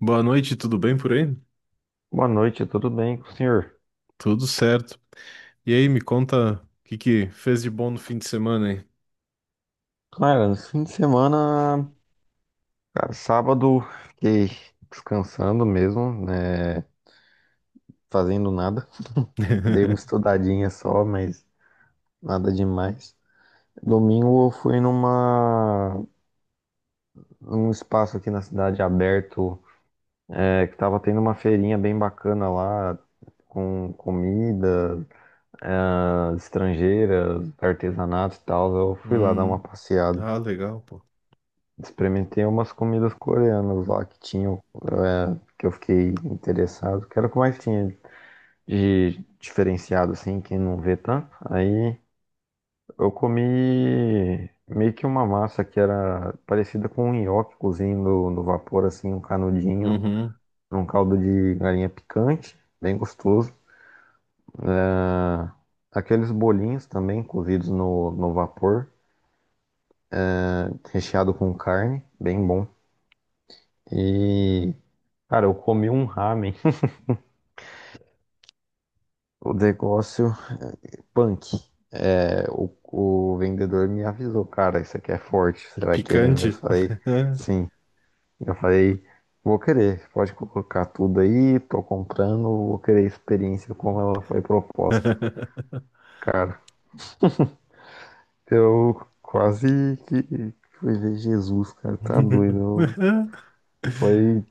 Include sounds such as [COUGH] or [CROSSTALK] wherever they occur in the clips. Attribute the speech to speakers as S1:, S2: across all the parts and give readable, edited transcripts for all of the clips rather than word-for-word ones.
S1: Boa noite, tudo bem por aí?
S2: Boa noite, tudo bem com o senhor?
S1: Tudo certo. E aí, me conta o que fez de bom no fim de semana, hein?
S2: Cara, no fim de semana, cara, sábado, fiquei descansando mesmo, né? Fazendo nada. Dei uma
S1: [LAUGHS]
S2: estudadinha só, mas nada demais. Domingo eu fui numa, num espaço aqui na cidade aberto, que tava tendo uma feirinha bem bacana lá, com comida, ah, estrangeira, artesanato e tal. Eu fui lá dar uma
S1: Hum,
S2: passeada.
S1: ah, legal, pô.
S2: Experimentei umas comidas coreanas lá que tinham, que eu fiquei interessado, que era o que mais tinha de diferenciado, assim, quem não vê tanto. Aí eu comi meio que uma massa que era parecida com um nhoque cozido no vapor, assim, um canudinho,
S1: Uhum,
S2: num caldo de galinha picante, bem gostoso. Ah, aqueles bolinhos também cozidos no vapor, recheado com carne, bem bom. E, cara, eu comi um ramen. O negócio punk. É, o vendedor me avisou, cara, isso aqui é forte, você vai querer mesmo? Eu
S1: picante.
S2: falei,
S1: [LAUGHS]
S2: sim. Eu falei, vou querer, pode colocar tudo aí, tô comprando, vou querer a experiência como ela foi proposta. Cara, eu quase que fui ver Jesus, cara, tá doido. Foi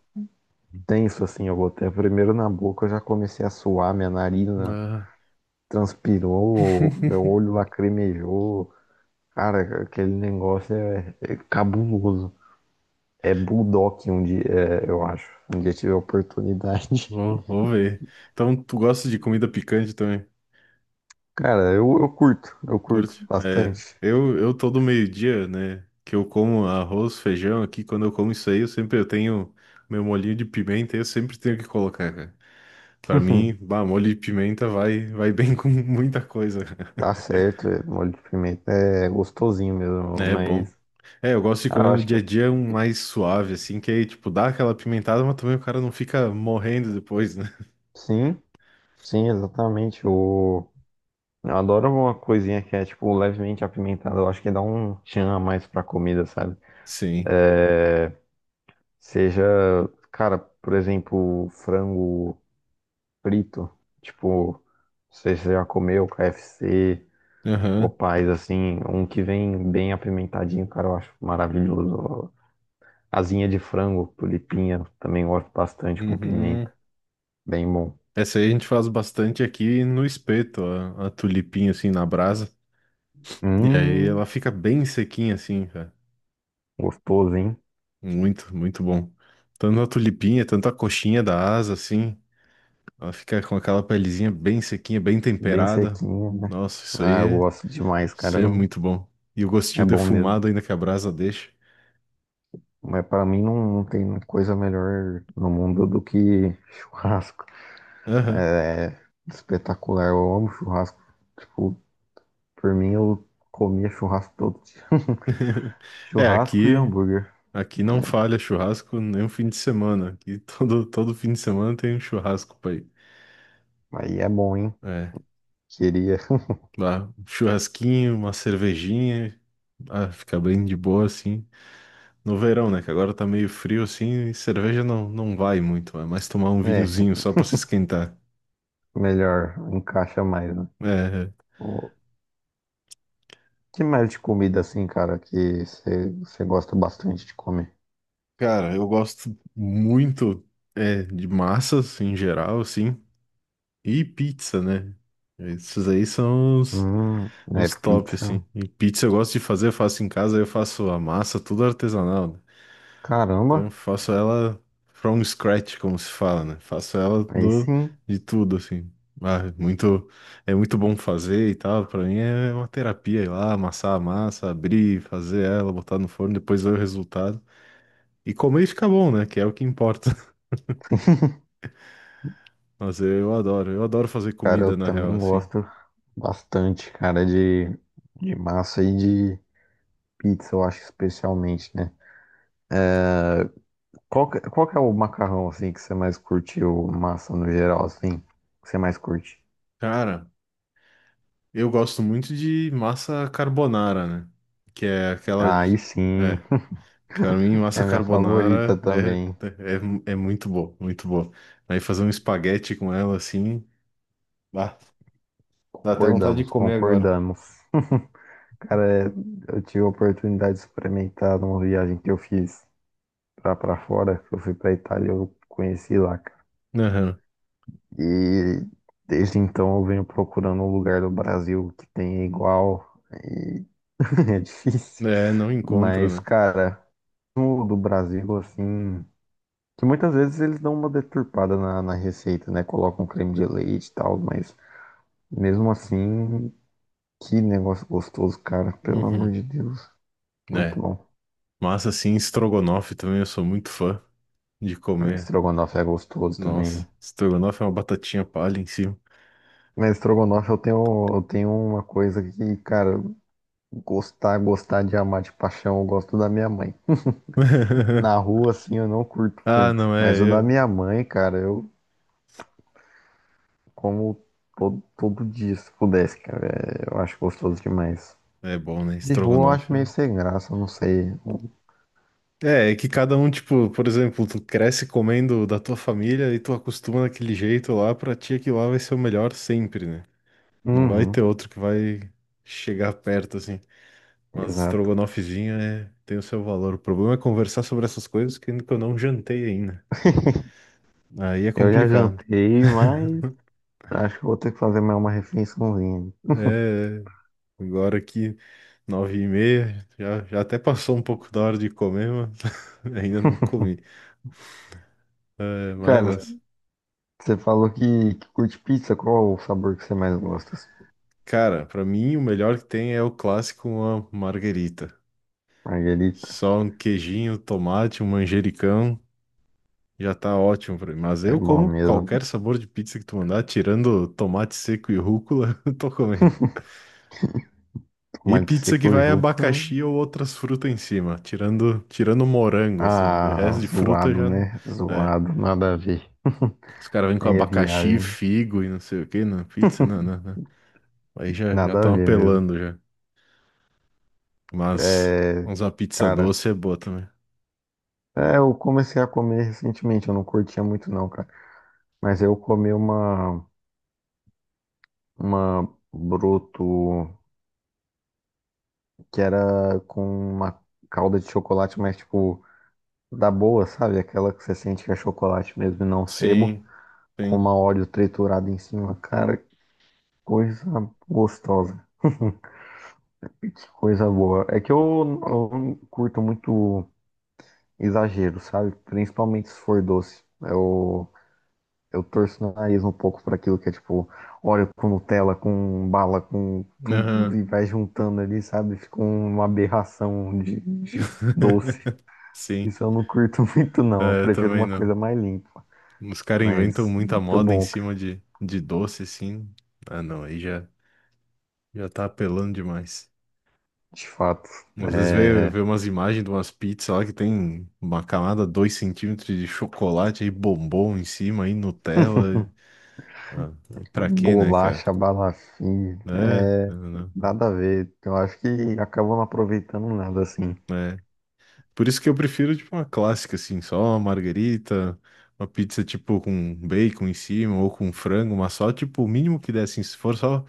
S2: tenso assim, eu botei primeiro na boca, eu já comecei a suar, minha narina
S1: Ah,
S2: transpirou, meu olho lacrimejou. Cara, aquele negócio é cabuloso. É Bulldog um dia, é, eu acho. Um dia tiver oportunidade.
S1: vou ver. Então, tu gosta de comida picante também?
S2: [LAUGHS] Cara, eu curto, eu curto
S1: Curte? É,
S2: bastante.
S1: eu todo meio-dia, né, que eu como arroz, feijão aqui, quando eu como isso aí, eu sempre eu tenho meu molhinho de pimenta, eu sempre tenho que colocar, cara. Pra
S2: [LAUGHS]
S1: mim, bah, molho de pimenta vai bem [LAUGHS] com muita coisa.
S2: Tá certo, é, molho de pimenta é gostosinho mesmo,
S1: É bom.
S2: mas
S1: É, eu gosto de
S2: ah, eu
S1: comer no
S2: acho que
S1: dia a
S2: é,
S1: dia um mais suave, assim, que aí, tipo, dá aquela pimentada, mas também o cara não fica morrendo depois, né?
S2: sim, sim, exatamente. O, eu adoro uma coisinha que é tipo levemente apimentada. Eu acho que dá um tchan a mais pra comida, sabe?
S1: Sim.
S2: Seja, cara, por exemplo, frango frito. Tipo, não sei se você já comeu KFC,
S1: Aham.
S2: Popeyes, assim, um que vem bem apimentadinho, cara, eu acho maravilhoso. Asinha de frango, tulipinha, também gosto bastante com pimenta.
S1: Uhum.
S2: Bem bom.
S1: Essa aí a gente faz bastante aqui no espeto, a tulipinha, assim, na brasa. E aí ela
S2: Hum,
S1: fica bem sequinha, assim, cara.
S2: gostoso, hein?
S1: Muito, muito bom. Tanto a tulipinha, tanto a coxinha da asa, assim. Ela fica com aquela pelezinha bem sequinha, bem
S2: Bem
S1: temperada.
S2: sequinho, né?
S1: Nossa,
S2: Ah, eu gosto demais,
S1: isso
S2: cara.
S1: é muito bom. E o
S2: É
S1: gostinho
S2: bom mesmo.
S1: defumado ainda que a brasa deixa.
S2: Mas pra mim não, não tem coisa melhor no mundo do que [LAUGHS] churrasco.
S1: Aham. [LAUGHS]
S2: É espetacular. Eu amo churrasco. Tipo, por mim, eu comia churrasco todo dia. [LAUGHS]
S1: É,
S2: Churrasco e
S1: aqui,
S2: hambúrguer.
S1: aqui não falha churrasco nem um fim de semana. Aqui [LAUGHS] todo fim de semana tem um churrasco pra ir.
S2: Aí é bom, hein?
S1: É,
S2: Queria. [LAUGHS]
S1: lá, um churrasquinho, uma cervejinha, ah, fica bem de boa assim. No verão, né? Que agora tá meio frio assim, e cerveja não vai muito, é mais tomar um
S2: É,
S1: vinhozinho só pra se esquentar.
S2: melhor, encaixa mais, né?
S1: É, é.
S2: O que mais de comida assim, cara, que você gosta bastante de comer?
S1: Cara, eu gosto muito é, de massas em geral, assim, e pizza, né? Esses aí são
S2: Hum, é
S1: os top,
S2: pizza.
S1: assim. E pizza eu gosto de fazer, eu faço em casa, eu faço a massa, tudo artesanal, né? Então eu
S2: Caramba,
S1: faço ela from scratch, como se fala, né?
S2: aí sim.
S1: De tudo, assim. Ah, é muito, é muito bom fazer e tal, pra mim é uma terapia ir lá, amassar a massa, abrir, fazer ela, botar no forno, depois ver o resultado. E comer e ficar bom, né? Que é o que importa.
S2: [LAUGHS]
S1: Mas é, eu adoro fazer
S2: Cara, eu
S1: comida na real,
S2: também
S1: assim.
S2: gosto bastante, cara, de massa e de pizza, eu acho especialmente, né? Qual que é o macarrão, assim, que você mais curtiu? Massa no geral, assim, que você mais curte?
S1: Cara, eu gosto muito de massa carbonara, né? Que é aquela.
S2: Aí
S1: de-
S2: sim,
S1: É, pra mim,
S2: [LAUGHS]
S1: massa
S2: é minha favorita
S1: carbonara
S2: também.
S1: é, é, é muito boa, muito boa. Aí fazer um espaguete com ela, assim, bah, dá até vontade de
S2: Concordamos,
S1: comer agora.
S2: concordamos. Cara, é, eu tive a oportunidade de experimentar numa viagem que eu fiz pra fora, que eu fui pra Itália, eu conheci lá, cara.
S1: Aham.
S2: E desde então eu venho procurando um lugar do Brasil que tenha igual, e [LAUGHS] é difícil.
S1: É, não encontra,
S2: Mas,
S1: né?
S2: cara, no do Brasil, assim. Que muitas vezes eles dão uma deturpada na receita, né? Colocam creme de leite e tal, mas mesmo assim, que negócio gostoso, cara. Pelo amor
S1: Uhum.
S2: de Deus,
S1: É.
S2: muito bom.
S1: Massa, assim, estrogonofe também, eu sou muito fã de comer.
S2: Estrogonofe é gostoso também.
S1: Nossa, estrogonofe é uma batatinha palha em cima.
S2: Mas estrogonofe eu tenho uma coisa que, cara, gostar, gostar de amar de paixão, eu gosto da minha mãe. Na
S1: [LAUGHS]
S2: rua, assim, eu não curto
S1: Ah,
S2: muito.
S1: não
S2: Mas o da
S1: é.
S2: minha mãe, cara, eu como todo, todo dia, se pudesse, cara. É, eu acho gostoso demais.
S1: É bom, né?
S2: De rua eu acho
S1: Estrogonofe.
S2: meio sem graça, não sei.
S1: É, é que cada um, tipo, por exemplo, tu cresce comendo da tua família e tu acostuma daquele jeito lá, pra ti aquilo lá vai ser o melhor sempre, né? Não vai ter
S2: Uhum,
S1: outro que vai chegar perto, assim. Mas
S2: exato.
S1: estrogonofezinho é, tem o seu valor. O problema é conversar sobre essas coisas que eu não jantei ainda. Aí é
S2: Eu já
S1: complicado.
S2: jantei, mas acho que vou ter que fazer mais uma refeiçãozinha.
S1: É, agora aqui, 9h30, já até passou um pouco da hora de comer, mas [LAUGHS] ainda não comi. É,
S2: Cara,
S1: mas
S2: você falou que curte pizza, qual o sabor que você mais gosta?
S1: Cara, pra mim o melhor que tem é o clássico, uma marguerita.
S2: Marguerita,
S1: Só um queijinho, tomate, um manjericão, já tá ótimo pra mim. Mas
S2: é
S1: eu
S2: bom
S1: como
S2: mesmo,
S1: qualquer
S2: cara.
S1: sabor de pizza que tu mandar, tirando tomate seco e rúcula, [LAUGHS] eu tô comendo.
S2: [LAUGHS]
S1: E
S2: Tomate
S1: pizza que
S2: seco e
S1: vai
S2: rúcula.
S1: abacaxi ou outras frutas em cima, tirando morango assim. O
S2: Ah,
S1: resto de fruta
S2: zoado,
S1: já não,
S2: né?
S1: é.
S2: Zoado, nada a ver. [LAUGHS]
S1: Os caras vêm com
S2: Aí é
S1: abacaxi,
S2: viagem,
S1: figo e não sei o que na pizza, não. Aí já
S2: nada a
S1: estão
S2: ver mesmo.
S1: apelando já. Mas
S2: É,
S1: uma pizza
S2: cara,
S1: doce é boa também.
S2: é, eu comecei a comer recentemente, eu não curtia muito não, cara. Mas eu comi uma broto. Que era com uma calda de chocolate, mas tipo, da boa, sabe? Aquela que você sente que é chocolate mesmo e não sebo,
S1: Sim,
S2: com
S1: sim.
S2: uma óleo triturada em cima. Cara, que coisa gostosa. [LAUGHS] Coisa boa. É que eu não curto muito exagero, sabe? Principalmente se for doce. Eu torço o nariz um pouco para aquilo que é tipo óleo com Nutella, com bala, com tudo e
S1: Aham.
S2: vai juntando ali, sabe? Fica uma aberração de
S1: [LAUGHS]
S2: doce.
S1: Sim.
S2: Isso eu não curto [LAUGHS] muito, não. Eu
S1: É, eu
S2: prefiro
S1: também
S2: uma
S1: não.
S2: coisa mais limpa.
S1: Os caras inventam
S2: Mas
S1: muita
S2: muito
S1: moda em
S2: bom, cara.
S1: cima de doce, assim. Ah, não, já tá apelando demais.
S2: De fato.
S1: Às vezes
S2: É...
S1: vê umas imagens de umas pizzas lá que tem uma camada 2 centímetros de chocolate aí bombom em cima, aí Nutella. Ah, pra quê, né, cara?
S2: Bolacha, balafim.
S1: É,
S2: É...
S1: não,
S2: Nada a ver. Eu acho que acabam não aproveitando nada assim.
S1: não. Por isso que eu prefiro, tipo, uma clássica, assim, só uma margarita, uma pizza, tipo, com bacon em cima ou com frango, mas só, tipo, o mínimo que der, assim, se for só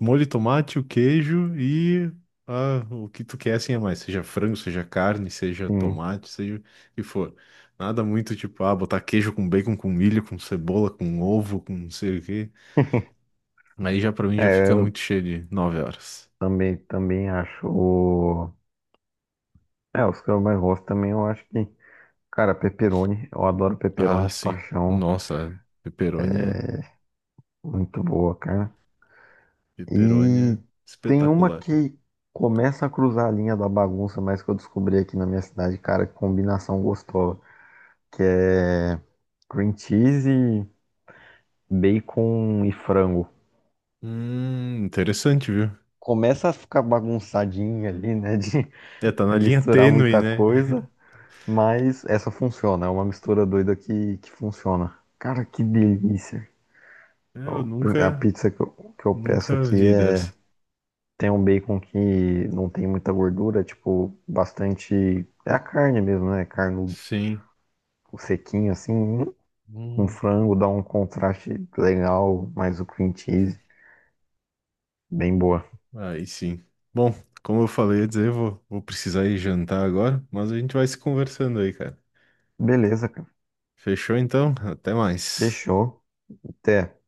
S1: molho de tomate, o queijo e ah, o que tu quer, assim, a mais. Seja frango, seja carne, seja
S2: Sim.
S1: tomate, seja o que for. Nada muito, tipo, ah, botar queijo com bacon, com milho, com cebola, com ovo, com não sei o quê.
S2: [LAUGHS]
S1: Aí já, pra mim, já
S2: É,
S1: fica
S2: eu
S1: muito cheio de 9 horas.
S2: também, também acho. É, os que eu mais gosto também, eu acho que. Cara, pepperoni. Eu adoro pepperoni
S1: Ah,
S2: de
S1: sim.
S2: paixão.
S1: Nossa, pepperoni é...
S2: Muito boa, cara.
S1: Pepperoni
S2: E
S1: é
S2: tem uma
S1: espetacular.
S2: que começa a cruzar a linha da bagunça, mas que eu descobri aqui na minha cidade, cara, que combinação gostosa, que é cream cheese, bacon e frango.
S1: Interessante, viu?
S2: Começa a ficar bagunçadinha ali, né, de
S1: É, tá
S2: [LAUGHS]
S1: na linha
S2: misturar
S1: tênue,
S2: muita
S1: né?
S2: coisa, mas essa funciona, é uma mistura doida que funciona. Cara, que delícia.
S1: É, Eu
S2: A
S1: nunca,
S2: pizza que eu peço
S1: nunca
S2: aqui
S1: vi dessa.
S2: é. Tem um bacon que não tem muita gordura, tipo, bastante. É a carne mesmo, né? Carne
S1: Sim.
S2: sequinha, assim. Hum, com
S1: Hum,
S2: frango dá um contraste legal, mais o cream cheese. Bem boa.
S1: aí sim. Bom, como eu falei, ia dizer, vou precisar ir jantar agora, mas a gente vai se conversando aí, cara.
S2: Beleza, cara.
S1: Fechou então? Até mais.
S2: Fechou. Até.